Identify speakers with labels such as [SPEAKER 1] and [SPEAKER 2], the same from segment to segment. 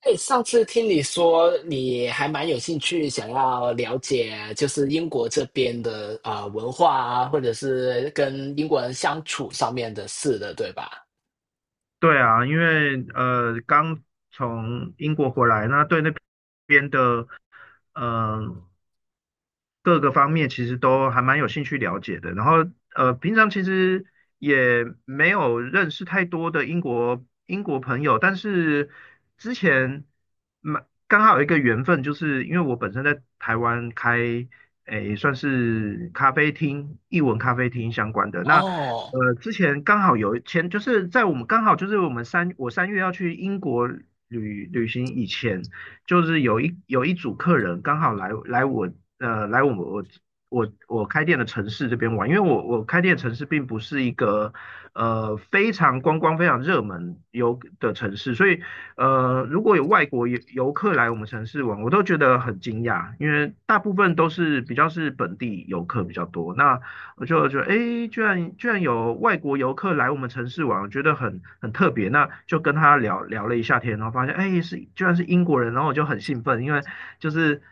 [SPEAKER 1] 哎，上次听你说你还蛮有兴趣，想要了解就是英国这边的文化啊，或者是跟英国人相处上面的事的，对吧？
[SPEAKER 2] 对啊，因为刚从英国回来，那对那边的嗯、呃各个方面其实都还蛮有兴趣了解的。然后平常其实也没有认识太多的英国朋友，但是之前蛮刚好有一个缘分，就是因为我本身在台湾开诶算是咖啡厅、译文咖啡厅相关的那。
[SPEAKER 1] 哦。
[SPEAKER 2] 之前刚好就是在我们刚好就是我们三我三月要去英国旅行以前，就是有一组客人刚好来我开店的城市这边玩，因为我开店的城市并不是一个非常观光非常热门游的城市，所以如果有外国游客来我们城市玩，我都觉得很惊讶，因为大部分都是比较是本地游客比较多。那我就觉得，诶，居然有外国游客来我们城市玩，我觉得很特别。那就跟他聊了一下天，然后发现，诶，居然是英国人，然后我就很兴奋，因为就是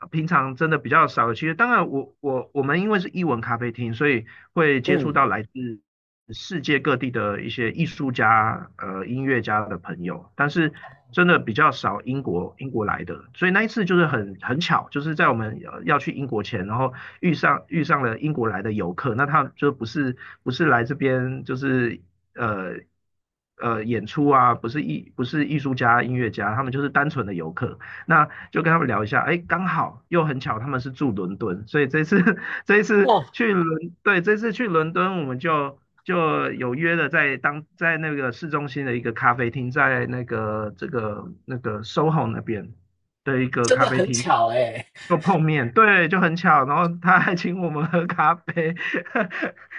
[SPEAKER 2] 平常真的比较少。其实当然我们因为是英文咖啡厅，所以会接触到
[SPEAKER 1] 嗯。
[SPEAKER 2] 来自世界各地的一些艺术家、音乐家的朋友，但是真的比较少英国来的，所以那一次就是很巧，就是在我们要去英国前，然后遇上了英国来的游客，那他就不是来这边就是呃演出啊，不是艺术家、音乐家，他们就是单纯的游客，那就跟他们聊一下，哎，刚好又很巧，他们是住伦敦，所以这一次
[SPEAKER 1] 哦，
[SPEAKER 2] 对，这次去伦敦，我们就有约了在那个市中心的一个咖啡厅，在 SOHO 那边的一个
[SPEAKER 1] 真
[SPEAKER 2] 咖
[SPEAKER 1] 的
[SPEAKER 2] 啡
[SPEAKER 1] 很
[SPEAKER 2] 厅
[SPEAKER 1] 巧哎。
[SPEAKER 2] 就碰面，对，就很巧，然后他还请我们喝咖啡，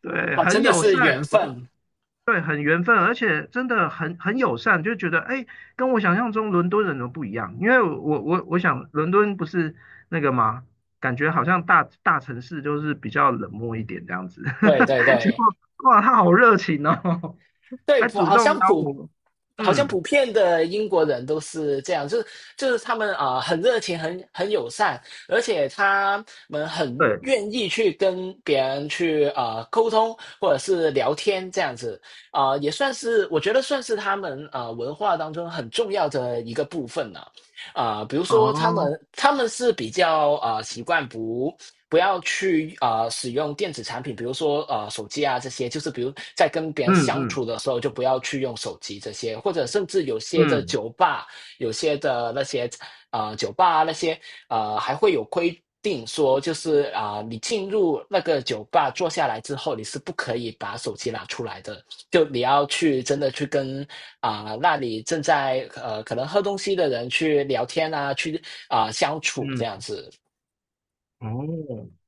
[SPEAKER 2] 对，
[SPEAKER 1] 哦，
[SPEAKER 2] 很
[SPEAKER 1] 真的
[SPEAKER 2] 友
[SPEAKER 1] 是
[SPEAKER 2] 善，
[SPEAKER 1] 缘
[SPEAKER 2] 我说
[SPEAKER 1] 分。
[SPEAKER 2] 对，很缘分，而且真的很友善，就觉得哎，跟我想象中伦敦人都不一样。因为我想伦敦不是那个嘛，感觉好像大城市就是比较冷漠一点这样子。
[SPEAKER 1] 对对
[SPEAKER 2] 结
[SPEAKER 1] 对。
[SPEAKER 2] 果哇，他好热情哦，
[SPEAKER 1] 对，
[SPEAKER 2] 还
[SPEAKER 1] 普
[SPEAKER 2] 主
[SPEAKER 1] 好
[SPEAKER 2] 动邀
[SPEAKER 1] 像普
[SPEAKER 2] 我。
[SPEAKER 1] 好像
[SPEAKER 2] 嗯，
[SPEAKER 1] 普遍的英国人都是这样，就是他们很热情，很友善，而且他们很
[SPEAKER 2] 对，
[SPEAKER 1] 愿意去跟别人去啊沟通或者是聊天这样子，也算是我觉得他们啊文化当中很重要的一个部分了。比如说他
[SPEAKER 2] 哦，
[SPEAKER 1] 们他们是比较啊习惯不要去啊！使用电子产品，比如说手机啊这些，就是比如在跟别人
[SPEAKER 2] 嗯
[SPEAKER 1] 相处
[SPEAKER 2] 嗯
[SPEAKER 1] 的时候，就不要去用手机这些，或者甚至有些的
[SPEAKER 2] 嗯
[SPEAKER 1] 酒吧，有些的那些啊酒吧啊那些还会有规定说，就是你进入那个酒吧坐下来之后，你是不可以把手机拿出来的，就你要去真的去跟那里正在可能喝东西的人去聊天啊，去相处这
[SPEAKER 2] 嗯
[SPEAKER 1] 样子。
[SPEAKER 2] 哦，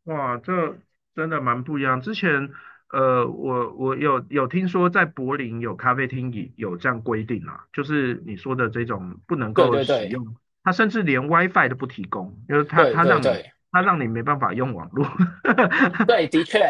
[SPEAKER 2] 哇，这真的蛮不一样。之前，我有听说在柏林有咖啡厅也有这样规定啊，就是你说的这种不能
[SPEAKER 1] 对
[SPEAKER 2] 够
[SPEAKER 1] 对
[SPEAKER 2] 使
[SPEAKER 1] 对。
[SPEAKER 2] 用，它甚至连 WiFi 都不提供，就是它
[SPEAKER 1] 对
[SPEAKER 2] 它
[SPEAKER 1] 对
[SPEAKER 2] 让你
[SPEAKER 1] 对
[SPEAKER 2] 它让你没办法用网络。
[SPEAKER 1] 对，的确。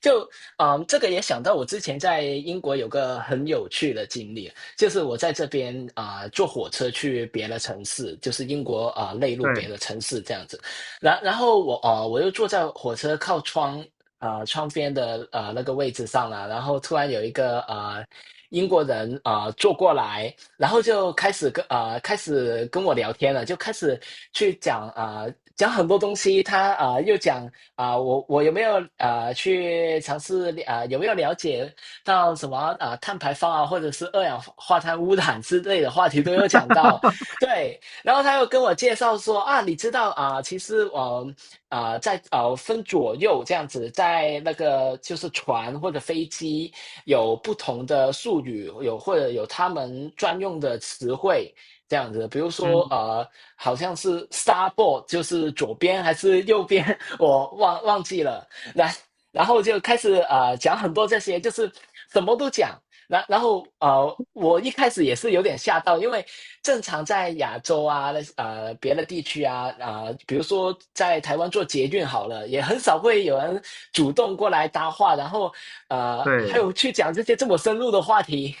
[SPEAKER 1] 就这个也想到我之前在英国有个很有趣的经历，就是我在这边坐火车去别的城市，就是英国内陆别
[SPEAKER 2] 对，
[SPEAKER 1] 的城市这样子，然后我我又坐在火车靠窗窗边的那个位置上了，然后突然有一个英国人坐过来，然后就开始跟啊、开始跟我聊天了，就开始去讲讲很多东西，他又讲啊、我有没有去尝试啊、有没有了解到什么啊、碳排放啊，或者是二氧化碳污染之类的话题都有讲到。对，然后他又跟我介绍说啊，你知道啊、其实我啊、在啊分左右这样子，在那个就是船或者飞机有不同的术语，有或者有他们专用的词汇。这样子，比如说
[SPEAKER 2] 嗯，
[SPEAKER 1] 好像是 starboard 就是左边还是右边，我忘记了。然然后就开始讲很多这些，就是什么都讲。然后我一开始也是有点吓到，因为正常在亚洲啊，那别的地区啊，比如说在台湾做捷运好了，也很少会有人主动过来搭话，然后还
[SPEAKER 2] 对。
[SPEAKER 1] 有去讲这些这么深入的话题。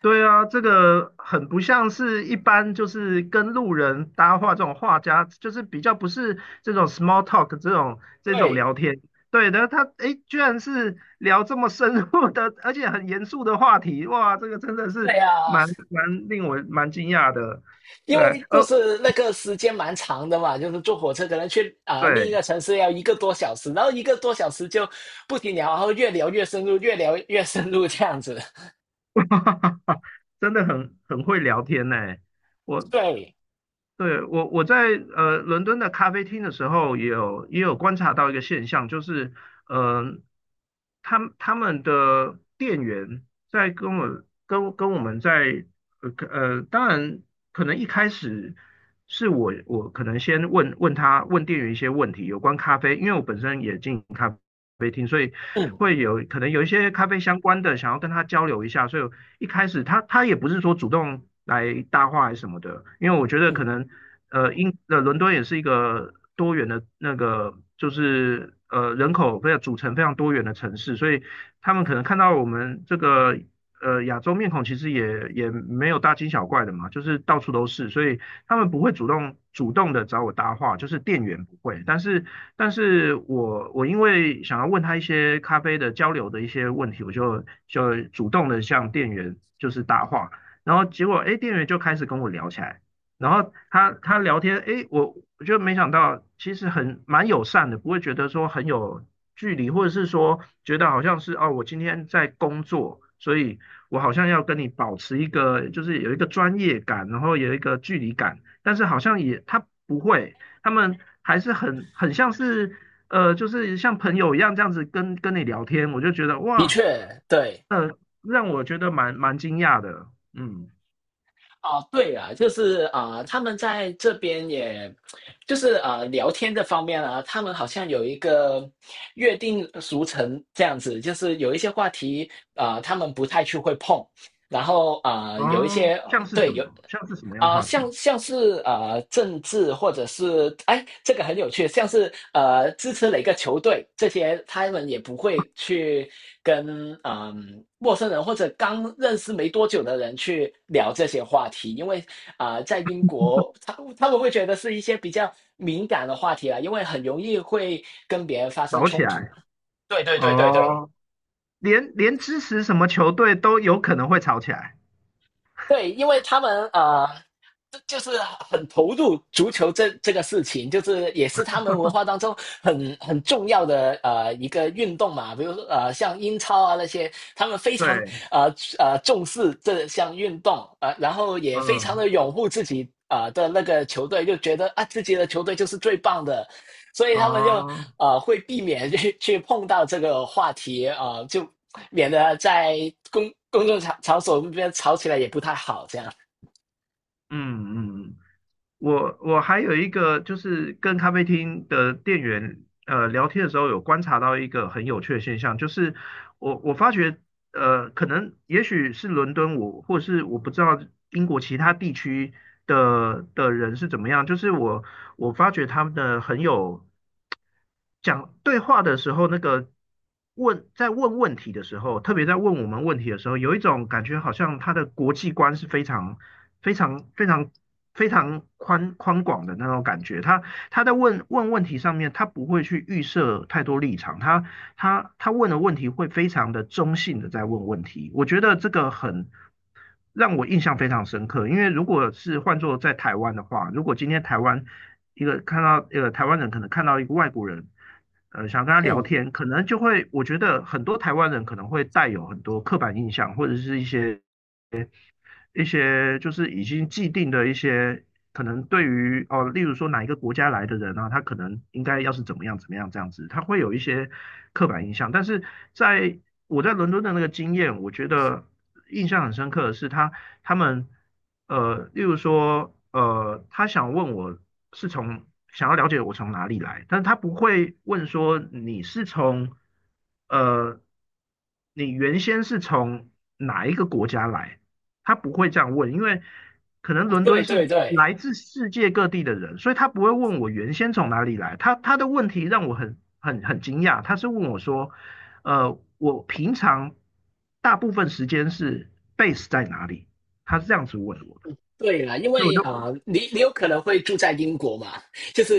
[SPEAKER 2] 对啊，这个很不像是一般就是跟路人搭话这种画家，就是比较不是这种 small talk 这种
[SPEAKER 1] 对。
[SPEAKER 2] 聊天。对的，他诶，居然是聊这么深入的，而且很严肃的话题，哇，这个真的是
[SPEAKER 1] 对呀。
[SPEAKER 2] 蛮蛮令我蛮惊讶的。
[SPEAKER 1] 因
[SPEAKER 2] 对，
[SPEAKER 1] 为就是那个时间蛮长的嘛，就是坐火车可能去另一
[SPEAKER 2] 对，
[SPEAKER 1] 个城市要一个多小时，然后一个多小时就不停聊，然后越聊越深入，越聊越深入这样子。
[SPEAKER 2] 真的很会聊天呢。我
[SPEAKER 1] 对。
[SPEAKER 2] 对，我在伦敦的咖啡厅的时候，也有观察到一个现象，就是呃，他们的店员在跟我们在当然可能一开始是我可能先问店员一些问题有关咖啡，因为我本身也进咖啡厅，所以
[SPEAKER 1] 嗯
[SPEAKER 2] 会有可能有一些咖啡相关的想要跟他交流一下，所以一开始他也不是说主动来搭话还是什么的，因为我觉得可
[SPEAKER 1] 嗯，
[SPEAKER 2] 能伦敦也是一个多元的那个，就是人口非常组成非常多元的城市，所以他们可能看到我们这个亚洲面孔，其实也也没有大惊小怪的嘛，就是到处都是，所以他们不会主动的找我搭话，就是店员不会，但是我因为想要问他一些咖啡的交流的一些问题，我就主动的向店员就是搭话。然后结果，哎，店员就开始跟我聊起来，然后他聊天，诶，我就没想到，其实很蛮友善的，不会觉得说很有距离，或者是说觉得好像是哦，我今天在工作，所以我好像要跟你保持一个就是有一个专业感，然后有一个距离感，但是好像也他不会，他们还是很像是,就是像朋友一样这样子跟你聊天，我就觉得
[SPEAKER 1] 的
[SPEAKER 2] 哇，
[SPEAKER 1] 确。对。
[SPEAKER 2] 呃，让我觉得蛮惊讶的，嗯，
[SPEAKER 1] 啊，对啊，就是他们在这边也，就是啊聊天这方面啊，他们好像有一个约定俗成这样子，就是有一些话题他们不太去会碰，然后有一
[SPEAKER 2] 哦，
[SPEAKER 1] 些
[SPEAKER 2] 像是什
[SPEAKER 1] 对有
[SPEAKER 2] 么，像是什么样的话
[SPEAKER 1] 像
[SPEAKER 2] 题？
[SPEAKER 1] 像是政治或者是哎，这个很有趣，像是支持哪个球队这些，他们也不会去跟陌生人或者刚认识没多久的人去聊这些话题，因为在英国他们会觉得是一些比较敏感的话题啊，因为很容易会跟别人发生
[SPEAKER 2] 吵起
[SPEAKER 1] 冲突。
[SPEAKER 2] 来
[SPEAKER 1] 对对对对对。
[SPEAKER 2] 哦，连支持什么球队都有可能会吵起来。
[SPEAKER 1] 对，因为他们啊。就是很投入足球这个事情，就是也是他们文化当中很重要的一个运动嘛。比如说像英超啊那些，他们非常
[SPEAKER 2] 对，
[SPEAKER 1] 呃重视这项运动，然后也非常
[SPEAKER 2] 嗯，
[SPEAKER 1] 的拥护自己的那个球队，就觉得啊自己的球队就是最棒的，所以他们就
[SPEAKER 2] 哦，
[SPEAKER 1] 会避免去碰到这个话题，就免得在公众场所那边吵起来也不太好这样。
[SPEAKER 2] 嗯嗯，我还有一个就是跟咖啡厅的店员聊天的时候，有观察到一个很有趣的现象，就是我发觉,可能也许是伦敦我，或是我不知道英国其他地区的人是怎么样，就是我发觉他们的很有讲对话的时候，那个在问问题的时候，特别在问我们问题的时候，有一种感觉，好像他的国际观是非常、非常、非常、非常宽广的那种感觉。他在问问题上面，他不会去预设太多立场，他问的问题会非常的中性的在问问题。我觉得这个很让我印象非常深刻。因为如果是换做在台湾的话，如果今天台湾人可能看到一个外国人，想跟他聊
[SPEAKER 1] 嗯。
[SPEAKER 2] 天，可能就会我觉得很多台湾人可能会带有很多刻板印象或者是一些就是已经既定的一些可能对于哦，例如说哪一个国家来的人啊，他可能应该要是怎么样怎么样这样子，他会有一些刻板印象。但是在我在伦敦的那个经验，我觉得印象很深刻的是他们例如说他想问我是从想要了解我从哪里来，但是他不会问说呃。你原先是从哪一个国家来？他不会这样问，因为可能 伦
[SPEAKER 1] 对
[SPEAKER 2] 敦
[SPEAKER 1] 对
[SPEAKER 2] 是
[SPEAKER 1] 对。
[SPEAKER 2] 来自世界各地的人，所以他不会问我原先从哪里来。他的问题让我很惊讶，他是问我说，我平常大部分时间是 base 在哪里？他是这样子问我的，
[SPEAKER 1] 对啦，因
[SPEAKER 2] 所以我
[SPEAKER 1] 为
[SPEAKER 2] 就
[SPEAKER 1] 你你有可能会住在英国嘛，就是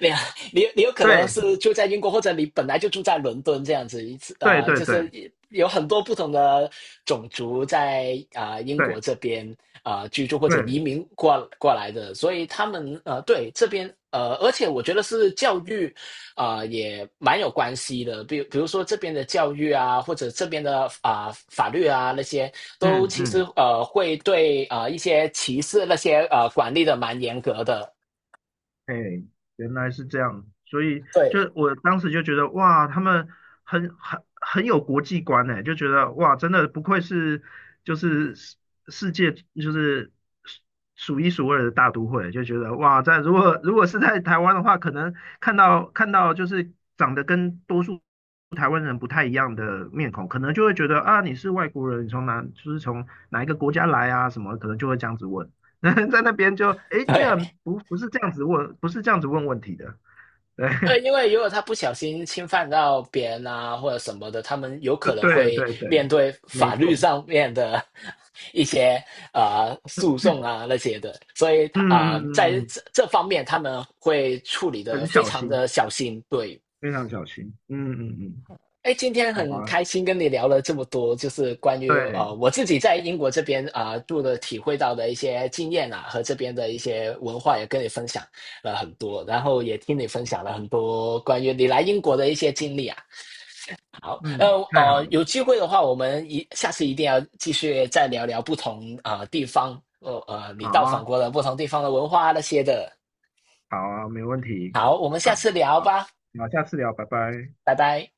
[SPEAKER 1] 你你有可能
[SPEAKER 2] 对
[SPEAKER 1] 是住在英国，或者你本来就住在伦敦这样子，
[SPEAKER 2] 对对
[SPEAKER 1] 就是
[SPEAKER 2] 对
[SPEAKER 1] 有很多不同的种族在英
[SPEAKER 2] 对
[SPEAKER 1] 国这边居住或者移
[SPEAKER 2] 对，
[SPEAKER 1] 民过来的，所以他们对这边呃，而且我觉得是教育。也蛮有关系的，比如说这边的教育啊，或者这边的法律啊那些，都
[SPEAKER 2] 嗯
[SPEAKER 1] 其实
[SPEAKER 2] 嗯。
[SPEAKER 1] 会对啊一些歧视那些管理的蛮严格的。
[SPEAKER 2] 哎，原来是这样，所以
[SPEAKER 1] 对
[SPEAKER 2] 就我当时就觉得哇，他们很有国际观呢，就觉得哇，真的不愧是就是世界就是数数一数二的大都会，就觉得哇，如果是在台湾的话，可能看到就是长得跟多数台湾人不太一样的面孔，可能就会觉得啊，你是外国人，你从哪就是从哪一个国家来啊什么，可能就会这样子问。在那边就哎诶，居然
[SPEAKER 1] 对。
[SPEAKER 2] 不是这样子问，不是这样子问问题的，对
[SPEAKER 1] 因为如果他不小心侵犯到别人啊，或者什么的，他们有可 能
[SPEAKER 2] 对
[SPEAKER 1] 会
[SPEAKER 2] 对
[SPEAKER 1] 面
[SPEAKER 2] 对，
[SPEAKER 1] 对
[SPEAKER 2] 没
[SPEAKER 1] 法律
[SPEAKER 2] 错，
[SPEAKER 1] 上面的 一些诉讼啊那些的，所以
[SPEAKER 2] 嗯
[SPEAKER 1] 他在
[SPEAKER 2] 嗯嗯，
[SPEAKER 1] 这这方面他们会处理的
[SPEAKER 2] 很
[SPEAKER 1] 非
[SPEAKER 2] 小
[SPEAKER 1] 常
[SPEAKER 2] 心，
[SPEAKER 1] 的小心。对。
[SPEAKER 2] 非常小心，嗯嗯嗯，
[SPEAKER 1] 哎，今天
[SPEAKER 2] 好
[SPEAKER 1] 很
[SPEAKER 2] 啊，
[SPEAKER 1] 开心跟你聊了这么多，就是关于
[SPEAKER 2] 对，
[SPEAKER 1] 我自己在英国这边住的体会到的一些经验啊，和这边的一些文化也跟你分享了很多，然后也听你分享了很多关于你来英国的一些经历啊。好。
[SPEAKER 2] 嗯，太好了，
[SPEAKER 1] 有机会的话，我们下次一定要继续再聊聊不同地方，你
[SPEAKER 2] 好
[SPEAKER 1] 到访
[SPEAKER 2] 啊，
[SPEAKER 1] 过的不同地方的文化啊那些的。
[SPEAKER 2] 好啊，没问题，
[SPEAKER 1] 好，我们
[SPEAKER 2] 好，
[SPEAKER 1] 下次聊
[SPEAKER 2] 好，
[SPEAKER 1] 吧，
[SPEAKER 2] 好，下次聊，拜拜。
[SPEAKER 1] 拜拜。